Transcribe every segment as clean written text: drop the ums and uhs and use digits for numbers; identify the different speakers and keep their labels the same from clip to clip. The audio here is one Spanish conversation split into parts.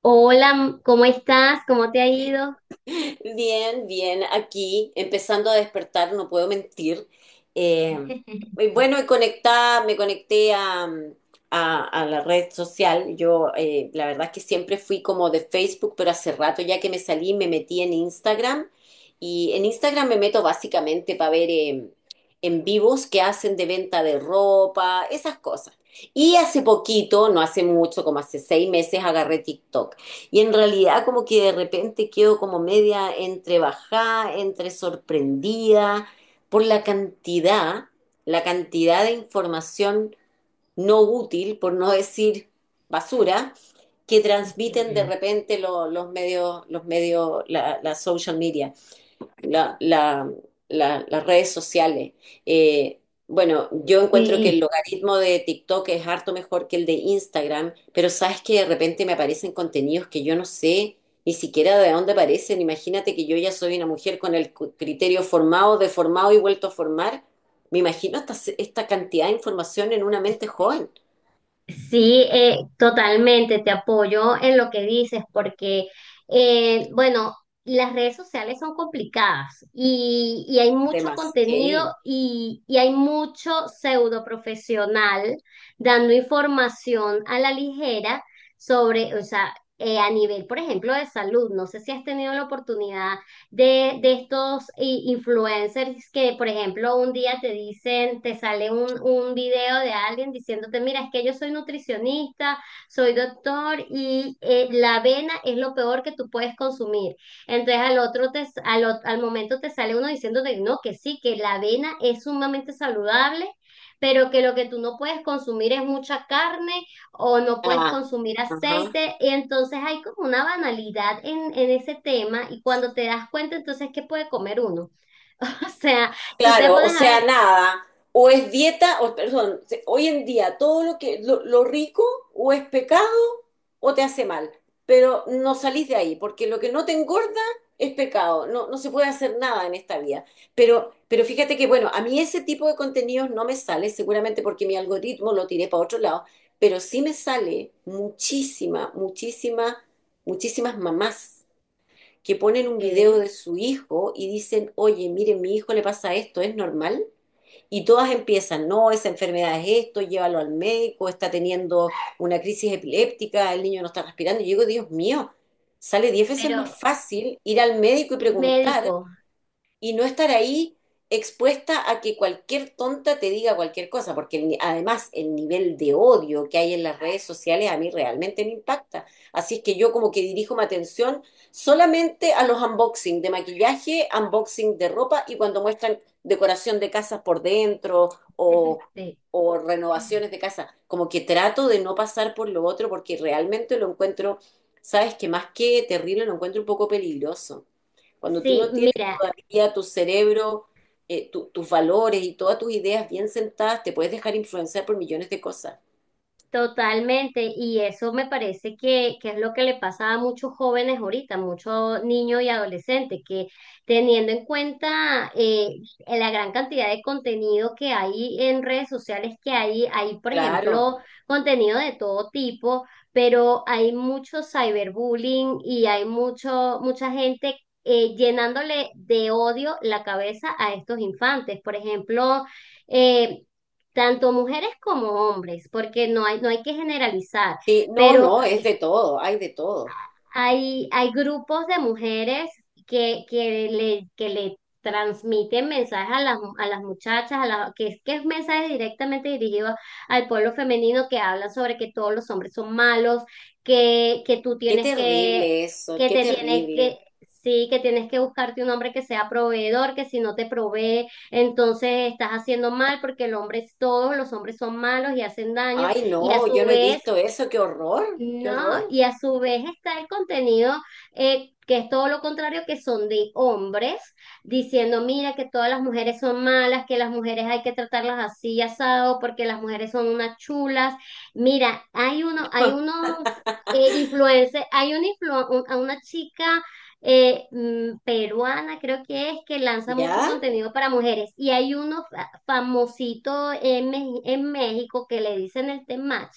Speaker 1: Hola, ¿cómo estás? ¿Cómo te ha ido?
Speaker 2: Bien, bien, aquí empezando a despertar, no puedo mentir. Eh, y bueno, y conectada, me conecté a la red social. Yo, la verdad es que siempre fui como de Facebook, pero hace rato ya que me salí, me metí en Instagram. Y en Instagram me meto básicamente para ver en vivos que hacen de venta de ropa, esas cosas. Y hace poquito, no hace mucho, como hace 6 meses, agarré TikTok. Y en realidad como que de repente quedo como media entre bajada, entre sorprendida por la cantidad de información no útil, por no decir basura, que transmiten de repente los medios, la social media la- la- las redes sociales. Eh, bueno, yo encuentro que el
Speaker 1: Sí.
Speaker 2: logaritmo de TikTok es harto mejor que el de Instagram, pero sabes que de repente me aparecen contenidos que yo no sé ni siquiera de dónde aparecen. Imagínate que yo ya soy una mujer con el criterio formado, deformado y vuelto a formar. Me imagino esta cantidad de información en una mente joven.
Speaker 1: Sí, totalmente, te apoyo en lo que dices, porque bueno, las redes sociales son complicadas y hay mucho contenido
Speaker 2: Demasiado.
Speaker 1: y hay mucho pseudo profesional dando información a la ligera sobre, o sea, a nivel, por ejemplo, de salud. No sé si has tenido la oportunidad de estos influencers que, por ejemplo, un día te dicen, te sale un video de alguien diciéndote, mira, es que yo soy nutricionista, soy doctor y la avena es lo peor que tú puedes consumir. Entonces al otro te, al, al momento te sale uno diciéndote, no, que sí, que la avena es sumamente saludable, pero que lo que tú no puedes consumir es mucha carne o no puedes
Speaker 2: Ah,
Speaker 1: consumir
Speaker 2: ajá.
Speaker 1: aceite. Y entonces hay como una banalidad en ese tema y cuando te das cuenta, entonces, ¿qué puede comer uno? O sea, tú te
Speaker 2: Claro, o
Speaker 1: pones a ver.
Speaker 2: sea, nada, o es dieta, o perdón, hoy en día todo lo que lo rico o es pecado o te hace mal, pero no salís de ahí, porque lo que no te engorda es pecado, no, no se puede hacer nada en esta vida. Pero fíjate que, bueno, a mí ese tipo de contenidos no me sale, seguramente porque mi algoritmo lo tiré para otro lado, pero sí me sale muchísima, muchísima, muchísimas mamás que ponen un video
Speaker 1: Ok.
Speaker 2: de su hijo y dicen, oye, miren, mi hijo le pasa esto, ¿es normal? Y todas empiezan, no, esa enfermedad es esto, llévalo al médico, está teniendo una crisis epiléptica, el niño no está respirando. Y yo digo, Dios mío, sale 10 veces más
Speaker 1: Pero
Speaker 2: fácil ir al médico y
Speaker 1: ir
Speaker 2: preguntar
Speaker 1: médico.
Speaker 2: y no estar ahí expuesta a que cualquier tonta te diga cualquier cosa, porque el además el nivel de odio que hay en las redes sociales a mí realmente me impacta. Así es que yo como que dirijo mi atención solamente a los unboxing de maquillaje, unboxing de ropa y cuando muestran decoración de casas por dentro o,
Speaker 1: Sí.
Speaker 2: o renovaciones de casa. Como que trato de no pasar por lo otro porque realmente lo encuentro, sabes que más que terrible, lo encuentro un poco peligroso. Cuando tú
Speaker 1: Sí,
Speaker 2: no tienes
Speaker 1: mira.
Speaker 2: todavía tu cerebro, tus valores y todas tus ideas bien sentadas, te puedes dejar influenciar por millones de cosas.
Speaker 1: Totalmente, y eso me parece que es lo que le pasa a muchos jóvenes ahorita, muchos niños y adolescentes, que teniendo en cuenta la gran cantidad de contenido que hay en redes sociales, que hay, por
Speaker 2: Claro.
Speaker 1: ejemplo, contenido de todo tipo, pero hay mucho cyberbullying y hay mucho, mucha gente llenándole de odio la cabeza a estos infantes. Por ejemplo, eh, tanto mujeres como hombres, porque no hay, no hay que generalizar,
Speaker 2: Sí, no,
Speaker 1: pero
Speaker 2: no, es de todo, hay de todo.
Speaker 1: hay, hay grupos de mujeres que le transmiten mensajes a las muchachas, a las, que, que es mensaje directamente dirigido al pueblo femenino que habla sobre que todos los hombres son malos, que tú
Speaker 2: Qué
Speaker 1: tienes
Speaker 2: terrible eso,
Speaker 1: que
Speaker 2: qué
Speaker 1: te tienes que,
Speaker 2: terrible.
Speaker 1: sí, que tienes que buscarte un hombre que sea proveedor, que si no te provee, entonces estás haciendo mal porque el hombre es todo, los hombres son malos y hacen daño.
Speaker 2: Ay,
Speaker 1: Y a
Speaker 2: no,
Speaker 1: su
Speaker 2: yo no he
Speaker 1: vez
Speaker 2: visto eso, qué horror, qué
Speaker 1: no,
Speaker 2: horror.
Speaker 1: y a su vez está el contenido que es todo lo contrario, que son de hombres, diciendo, mira, que todas las mujeres son malas, que las mujeres hay que tratarlas así, asado, porque las mujeres son unas chulas. Mira, hay uno, hay unos influencers, hay una, a una chica peruana, creo que es, que lanza mucho
Speaker 2: ¿Ya?
Speaker 1: contenido para mujeres, y hay uno famosito en, en México que le dicen el Temach,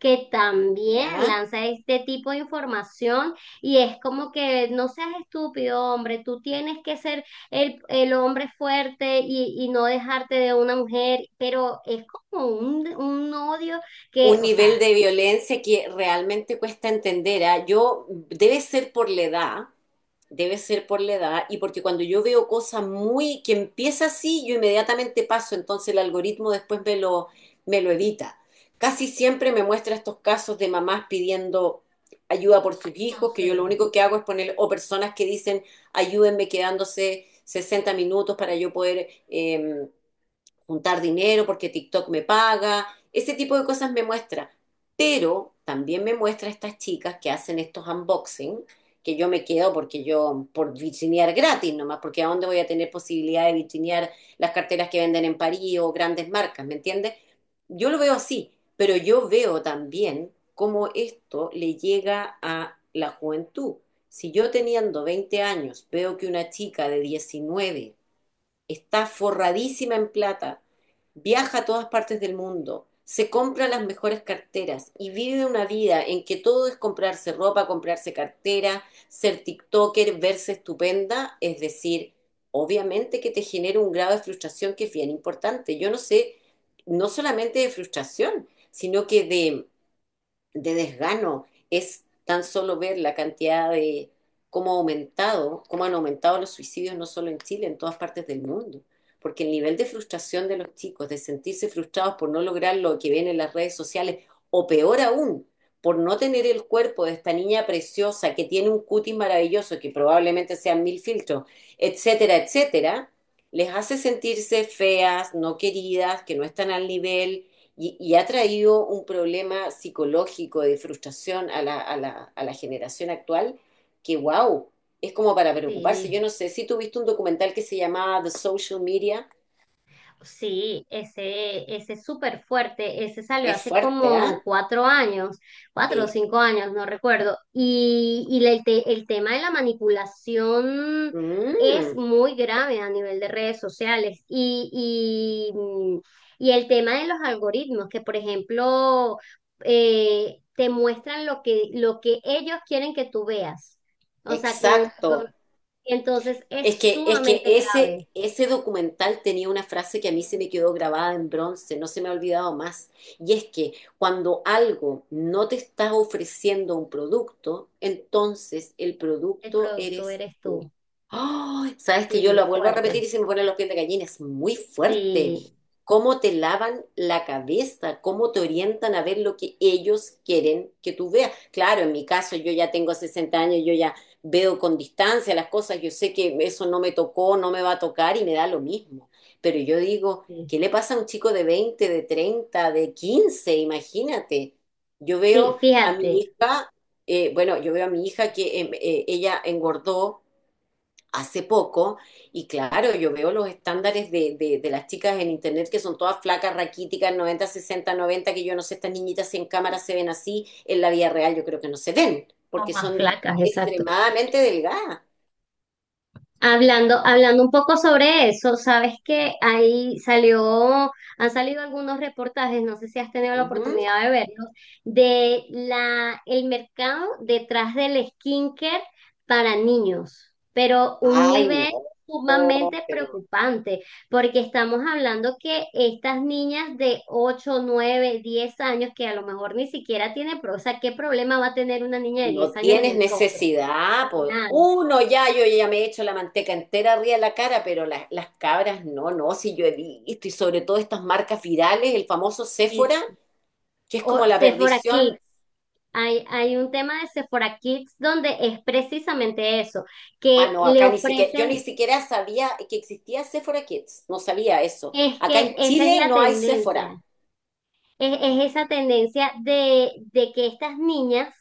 Speaker 1: que también
Speaker 2: ¿Ya?
Speaker 1: lanza este tipo de información y es como que no seas estúpido, hombre, tú tienes que ser el hombre fuerte y no dejarte de una mujer, pero es como un odio que,
Speaker 2: Un
Speaker 1: o
Speaker 2: nivel
Speaker 1: sea,
Speaker 2: de violencia que realmente cuesta entender, ¿ah? Yo, debe ser por la edad, debe ser por la edad, y porque cuando yo veo cosas muy, que empieza así, yo inmediatamente paso, entonces el algoritmo después me lo evita. Casi siempre me muestra estos casos de mamás pidiendo ayuda por sus
Speaker 1: no
Speaker 2: hijos, que yo
Speaker 1: sé,
Speaker 2: lo único que hago es poner, o personas que dicen, ayúdenme quedándose 60 minutos para yo poder juntar dinero porque TikTok me paga, ese tipo de cosas me muestra. Pero también me muestra estas chicas que hacen estos unboxing, que yo me quedo porque yo, por vitrinear gratis nomás, porque ¿a dónde voy a tener posibilidad de vitrinear las carteras que venden en París o grandes marcas?, ¿me entiendes? Yo lo veo así, pero yo veo también cómo esto le llega a la juventud. Si yo teniendo 20 años veo que una chica de 19 está forradísima en plata, viaja a todas partes del mundo, se compra las mejores carteras y vive una vida en que todo es comprarse ropa, comprarse cartera, ser TikToker, verse estupenda, es decir, obviamente que te genera un grado de frustración que es bien importante. Yo no sé, no solamente de frustración, sino que de desgano, es tan solo ver la cantidad de cómo ha aumentado, cómo han aumentado los suicidios no solo en Chile, en todas partes del mundo. Porque el nivel de frustración de los chicos, de sentirse frustrados por no lograr lo que ven en las redes sociales, o peor aún, por no tener el cuerpo de esta niña preciosa que tiene un cutis maravilloso, que probablemente sean 1000 filtros, etcétera, etcétera, les hace sentirse feas, no queridas, que no están al nivel, y ha traído un problema psicológico de frustración a la generación actual que, wow, es como para preocuparse.
Speaker 1: sí.
Speaker 2: Yo no sé si tú viste un documental que se llamaba The Social Media.
Speaker 1: Sí, ese es súper fuerte, ese salió
Speaker 2: Es
Speaker 1: hace
Speaker 2: fuerte, ¿ah?
Speaker 1: como 4 años, cuatro o
Speaker 2: ¿Eh? Sí.
Speaker 1: cinco años, no recuerdo. Y el tema de la manipulación es
Speaker 2: Mm,
Speaker 1: muy grave a nivel de redes sociales. Y, y el tema de los algoritmos, que por ejemplo te muestran lo que ellos quieren que tú veas. O sea,
Speaker 2: exacto.
Speaker 1: entonces es
Speaker 2: Es que
Speaker 1: sumamente grave.
Speaker 2: ese documental tenía una frase que a mí se me quedó grabada en bronce, no se me ha olvidado más. Y es que cuando algo no te está ofreciendo un producto, entonces el
Speaker 1: El
Speaker 2: producto
Speaker 1: producto
Speaker 2: eres
Speaker 1: eres
Speaker 2: tú.
Speaker 1: tú.
Speaker 2: ¡Ay!, sabes que yo
Speaker 1: Sí,
Speaker 2: lo vuelvo a repetir
Speaker 1: fuerte.
Speaker 2: y se me ponen los pies de gallina, es muy fuerte.
Speaker 1: Sí,
Speaker 2: Cómo te lavan la cabeza, cómo te orientan a ver lo que ellos quieren que tú veas. Claro, en mi caso yo ya tengo 60 años, yo ya veo con distancia las cosas, yo sé que eso no me tocó, no me va a tocar y me da lo mismo. Pero yo digo,
Speaker 1: sí,
Speaker 2: ¿qué le pasa a un chico de 20, de 30, de 15? Imagínate. Yo
Speaker 1: sí,
Speaker 2: veo a mi
Speaker 1: fíjate,
Speaker 2: hija, bueno, yo veo a mi hija que ella engordó hace poco, y claro, yo veo los estándares de las chicas en internet que son todas flacas, raquíticas, 90-60-90, que yo no sé, estas niñitas si en cámara se ven así, en la vida real yo creo que no se ven,
Speaker 1: no
Speaker 2: porque
Speaker 1: más
Speaker 2: son
Speaker 1: flacas, exacto.
Speaker 2: extremadamente delgadas.
Speaker 1: Hablando, hablando un poco sobre eso, sabes que ahí salió, han salido algunos reportajes, no sé si has tenido la
Speaker 2: Ujú.
Speaker 1: oportunidad de verlos, de la, el mercado detrás del skincare para niños, pero un
Speaker 2: Ay,
Speaker 1: nivel
Speaker 2: no,
Speaker 1: sumamente
Speaker 2: pero
Speaker 1: preocupante, porque estamos hablando que estas niñas de 8 9 10 años, que a lo mejor ni siquiera tiene, o sea, ¿qué problema va a tener una niña de 10
Speaker 2: no
Speaker 1: años en
Speaker 2: tienes
Speaker 1: el rostro?
Speaker 2: necesidad, pues
Speaker 1: Nada.
Speaker 2: uno ya, yo ya me he hecho la manteca entera arriba de la cara, pero las cabras no, no, si yo he visto, y sobre todo estas marcas virales, el famoso Sephora, que es
Speaker 1: O
Speaker 2: como la
Speaker 1: Sephora
Speaker 2: perdición.
Speaker 1: Kids. Hay un tema de Sephora Kids donde es precisamente eso, que
Speaker 2: Ah, no,
Speaker 1: le
Speaker 2: acá ni siquiera, yo ni
Speaker 1: ofrecen,
Speaker 2: siquiera sabía que existía Sephora Kids, no sabía eso.
Speaker 1: es
Speaker 2: Acá
Speaker 1: que
Speaker 2: en
Speaker 1: esa es
Speaker 2: Chile
Speaker 1: la
Speaker 2: no hay Sephora,
Speaker 1: tendencia, es esa tendencia de que estas niñas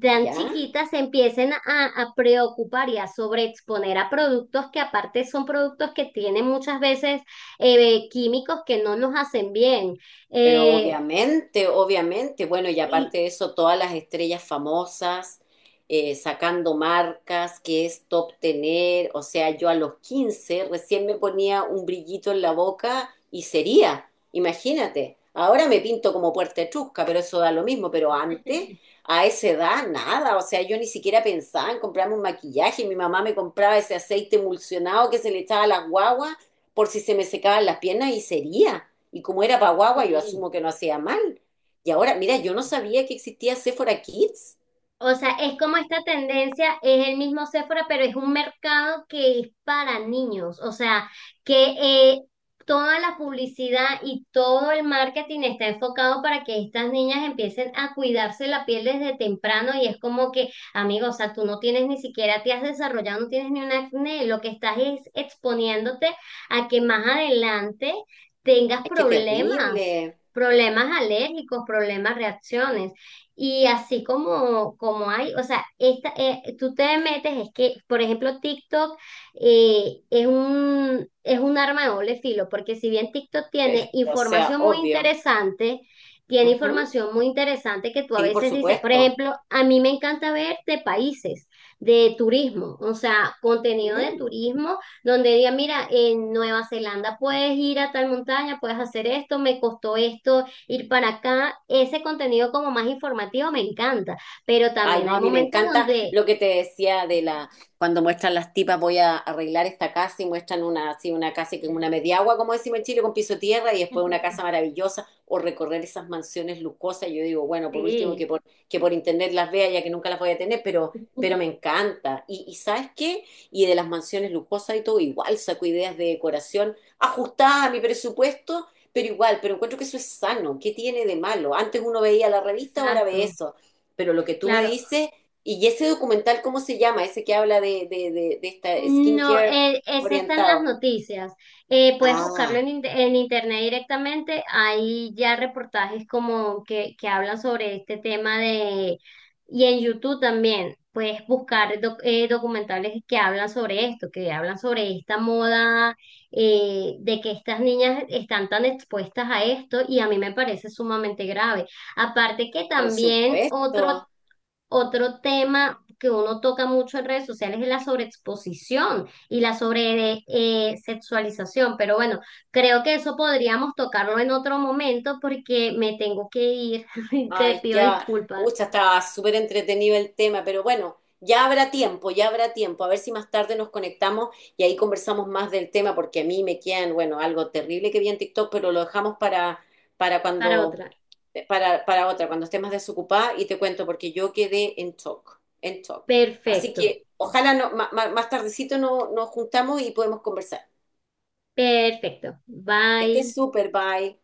Speaker 1: tan
Speaker 2: ¿ya?
Speaker 1: chiquitas se empiecen a preocupar y a sobreexponer a productos que aparte son productos que tienen muchas veces químicos que no nos hacen bien.
Speaker 2: Pero
Speaker 1: Eh,
Speaker 2: obviamente, obviamente, bueno, y
Speaker 1: y,
Speaker 2: aparte de eso, todas las estrellas famosas, sacando marcas, que es top tener, o sea, yo a los 15 recién me ponía un brillito en la boca y sería, imagínate, ahora me pinto como puerta etrusca, pero eso da lo mismo, pero antes, a esa edad, nada, o sea, yo ni siquiera pensaba en comprarme un maquillaje, mi mamá me compraba ese aceite emulsionado que se le echaba a las guaguas por si se me secaban las piernas y sería. Y como era Paguagua, yo
Speaker 1: sí.
Speaker 2: asumo que no hacía mal. Y ahora, mira, yo no sabía que existía Sephora Kids.
Speaker 1: O sea, es como esta tendencia, es el mismo Sephora, pero es un mercado que es para niños. O sea, que eh, toda la publicidad y todo el marketing está enfocado para que estas niñas empiecen a cuidarse la piel desde temprano. Y es como que, amigo, o sea, tú no tienes ni siquiera, te has desarrollado, no tienes ni un acné. Lo que estás es exponiéndote a que más adelante tengas
Speaker 2: Ay, qué
Speaker 1: problemas,
Speaker 2: terrible.
Speaker 1: problemas alérgicos, problemas, reacciones. Y así como, como hay, o sea, esta, tú te metes, es que, por ejemplo, TikTok es es un arma de doble filo, porque si bien TikTok tiene
Speaker 2: O sea,
Speaker 1: información muy
Speaker 2: obvio.
Speaker 1: interesante, tiene
Speaker 2: Ujú.
Speaker 1: información muy interesante que tú a
Speaker 2: Sí, por
Speaker 1: veces dices, por
Speaker 2: supuesto.
Speaker 1: ejemplo, a mí me encanta ver de países, de turismo, o sea, contenido de
Speaker 2: Mm.
Speaker 1: turismo, donde diga, mira, en Nueva Zelanda puedes ir a tal montaña, puedes hacer esto, me costó esto ir para acá. Ese contenido como más informativo me encanta, pero
Speaker 2: Ay,
Speaker 1: también
Speaker 2: no,
Speaker 1: hay
Speaker 2: a mí me
Speaker 1: momentos
Speaker 2: encanta
Speaker 1: donde...
Speaker 2: lo que te decía de la, cuando muestran las tipas, voy a arreglar esta casa y muestran una, así una casa que es una mediagua, como decimos en Chile, con piso de tierra y después una casa maravillosa, o recorrer esas mansiones lujosas. Yo digo, bueno, por último
Speaker 1: Sí,
Speaker 2: que por internet las vea, ya que nunca las voy a tener, pero me encanta. Y ¿sabes qué? Y de las mansiones lujosas y todo, igual saco ideas de decoración ajustada a mi presupuesto, pero igual, pero encuentro que eso es sano. ¿Qué tiene de malo? Antes uno veía la revista, ahora ve
Speaker 1: exacto.
Speaker 2: eso, pero lo que tú me
Speaker 1: Claro.
Speaker 2: dices, y ese documental, ¿cómo se llama? Ese que habla de esta
Speaker 1: No,
Speaker 2: skincare
Speaker 1: esa está en las
Speaker 2: orientado.
Speaker 1: noticias. Puedes buscarlo
Speaker 2: Ah,
Speaker 1: en, en internet directamente. Hay ya reportajes como que hablan sobre este tema de... Y en YouTube también puedes buscar documentales que hablan sobre esto, que hablan sobre esta moda, de que estas niñas están tan expuestas a esto y a mí me parece sumamente grave. Aparte que
Speaker 2: por
Speaker 1: también otro
Speaker 2: supuesto.
Speaker 1: otro tema que uno toca mucho en redes sociales es la sobreexposición y la sobre sexualización, pero bueno, creo que eso podríamos tocarlo en otro momento porque me tengo que ir. Y te
Speaker 2: Ay,
Speaker 1: pido
Speaker 2: ya,
Speaker 1: disculpas
Speaker 2: pucha, estaba súper entretenido el tema, pero bueno, ya habrá tiempo, ya habrá tiempo. A ver si más tarde nos conectamos y ahí conversamos más del tema, porque a mí me quedan, bueno, algo terrible que vi en TikTok, pero lo dejamos para
Speaker 1: para
Speaker 2: cuando,
Speaker 1: otra.
Speaker 2: para otra, cuando esté más desocupada y te cuento, porque yo quedé en shock, en shock. Así
Speaker 1: Perfecto,
Speaker 2: que ojalá no, más, tardecito nos juntamos y podemos conversar.
Speaker 1: perfecto.
Speaker 2: Que estés
Speaker 1: Bye.
Speaker 2: súper, bye.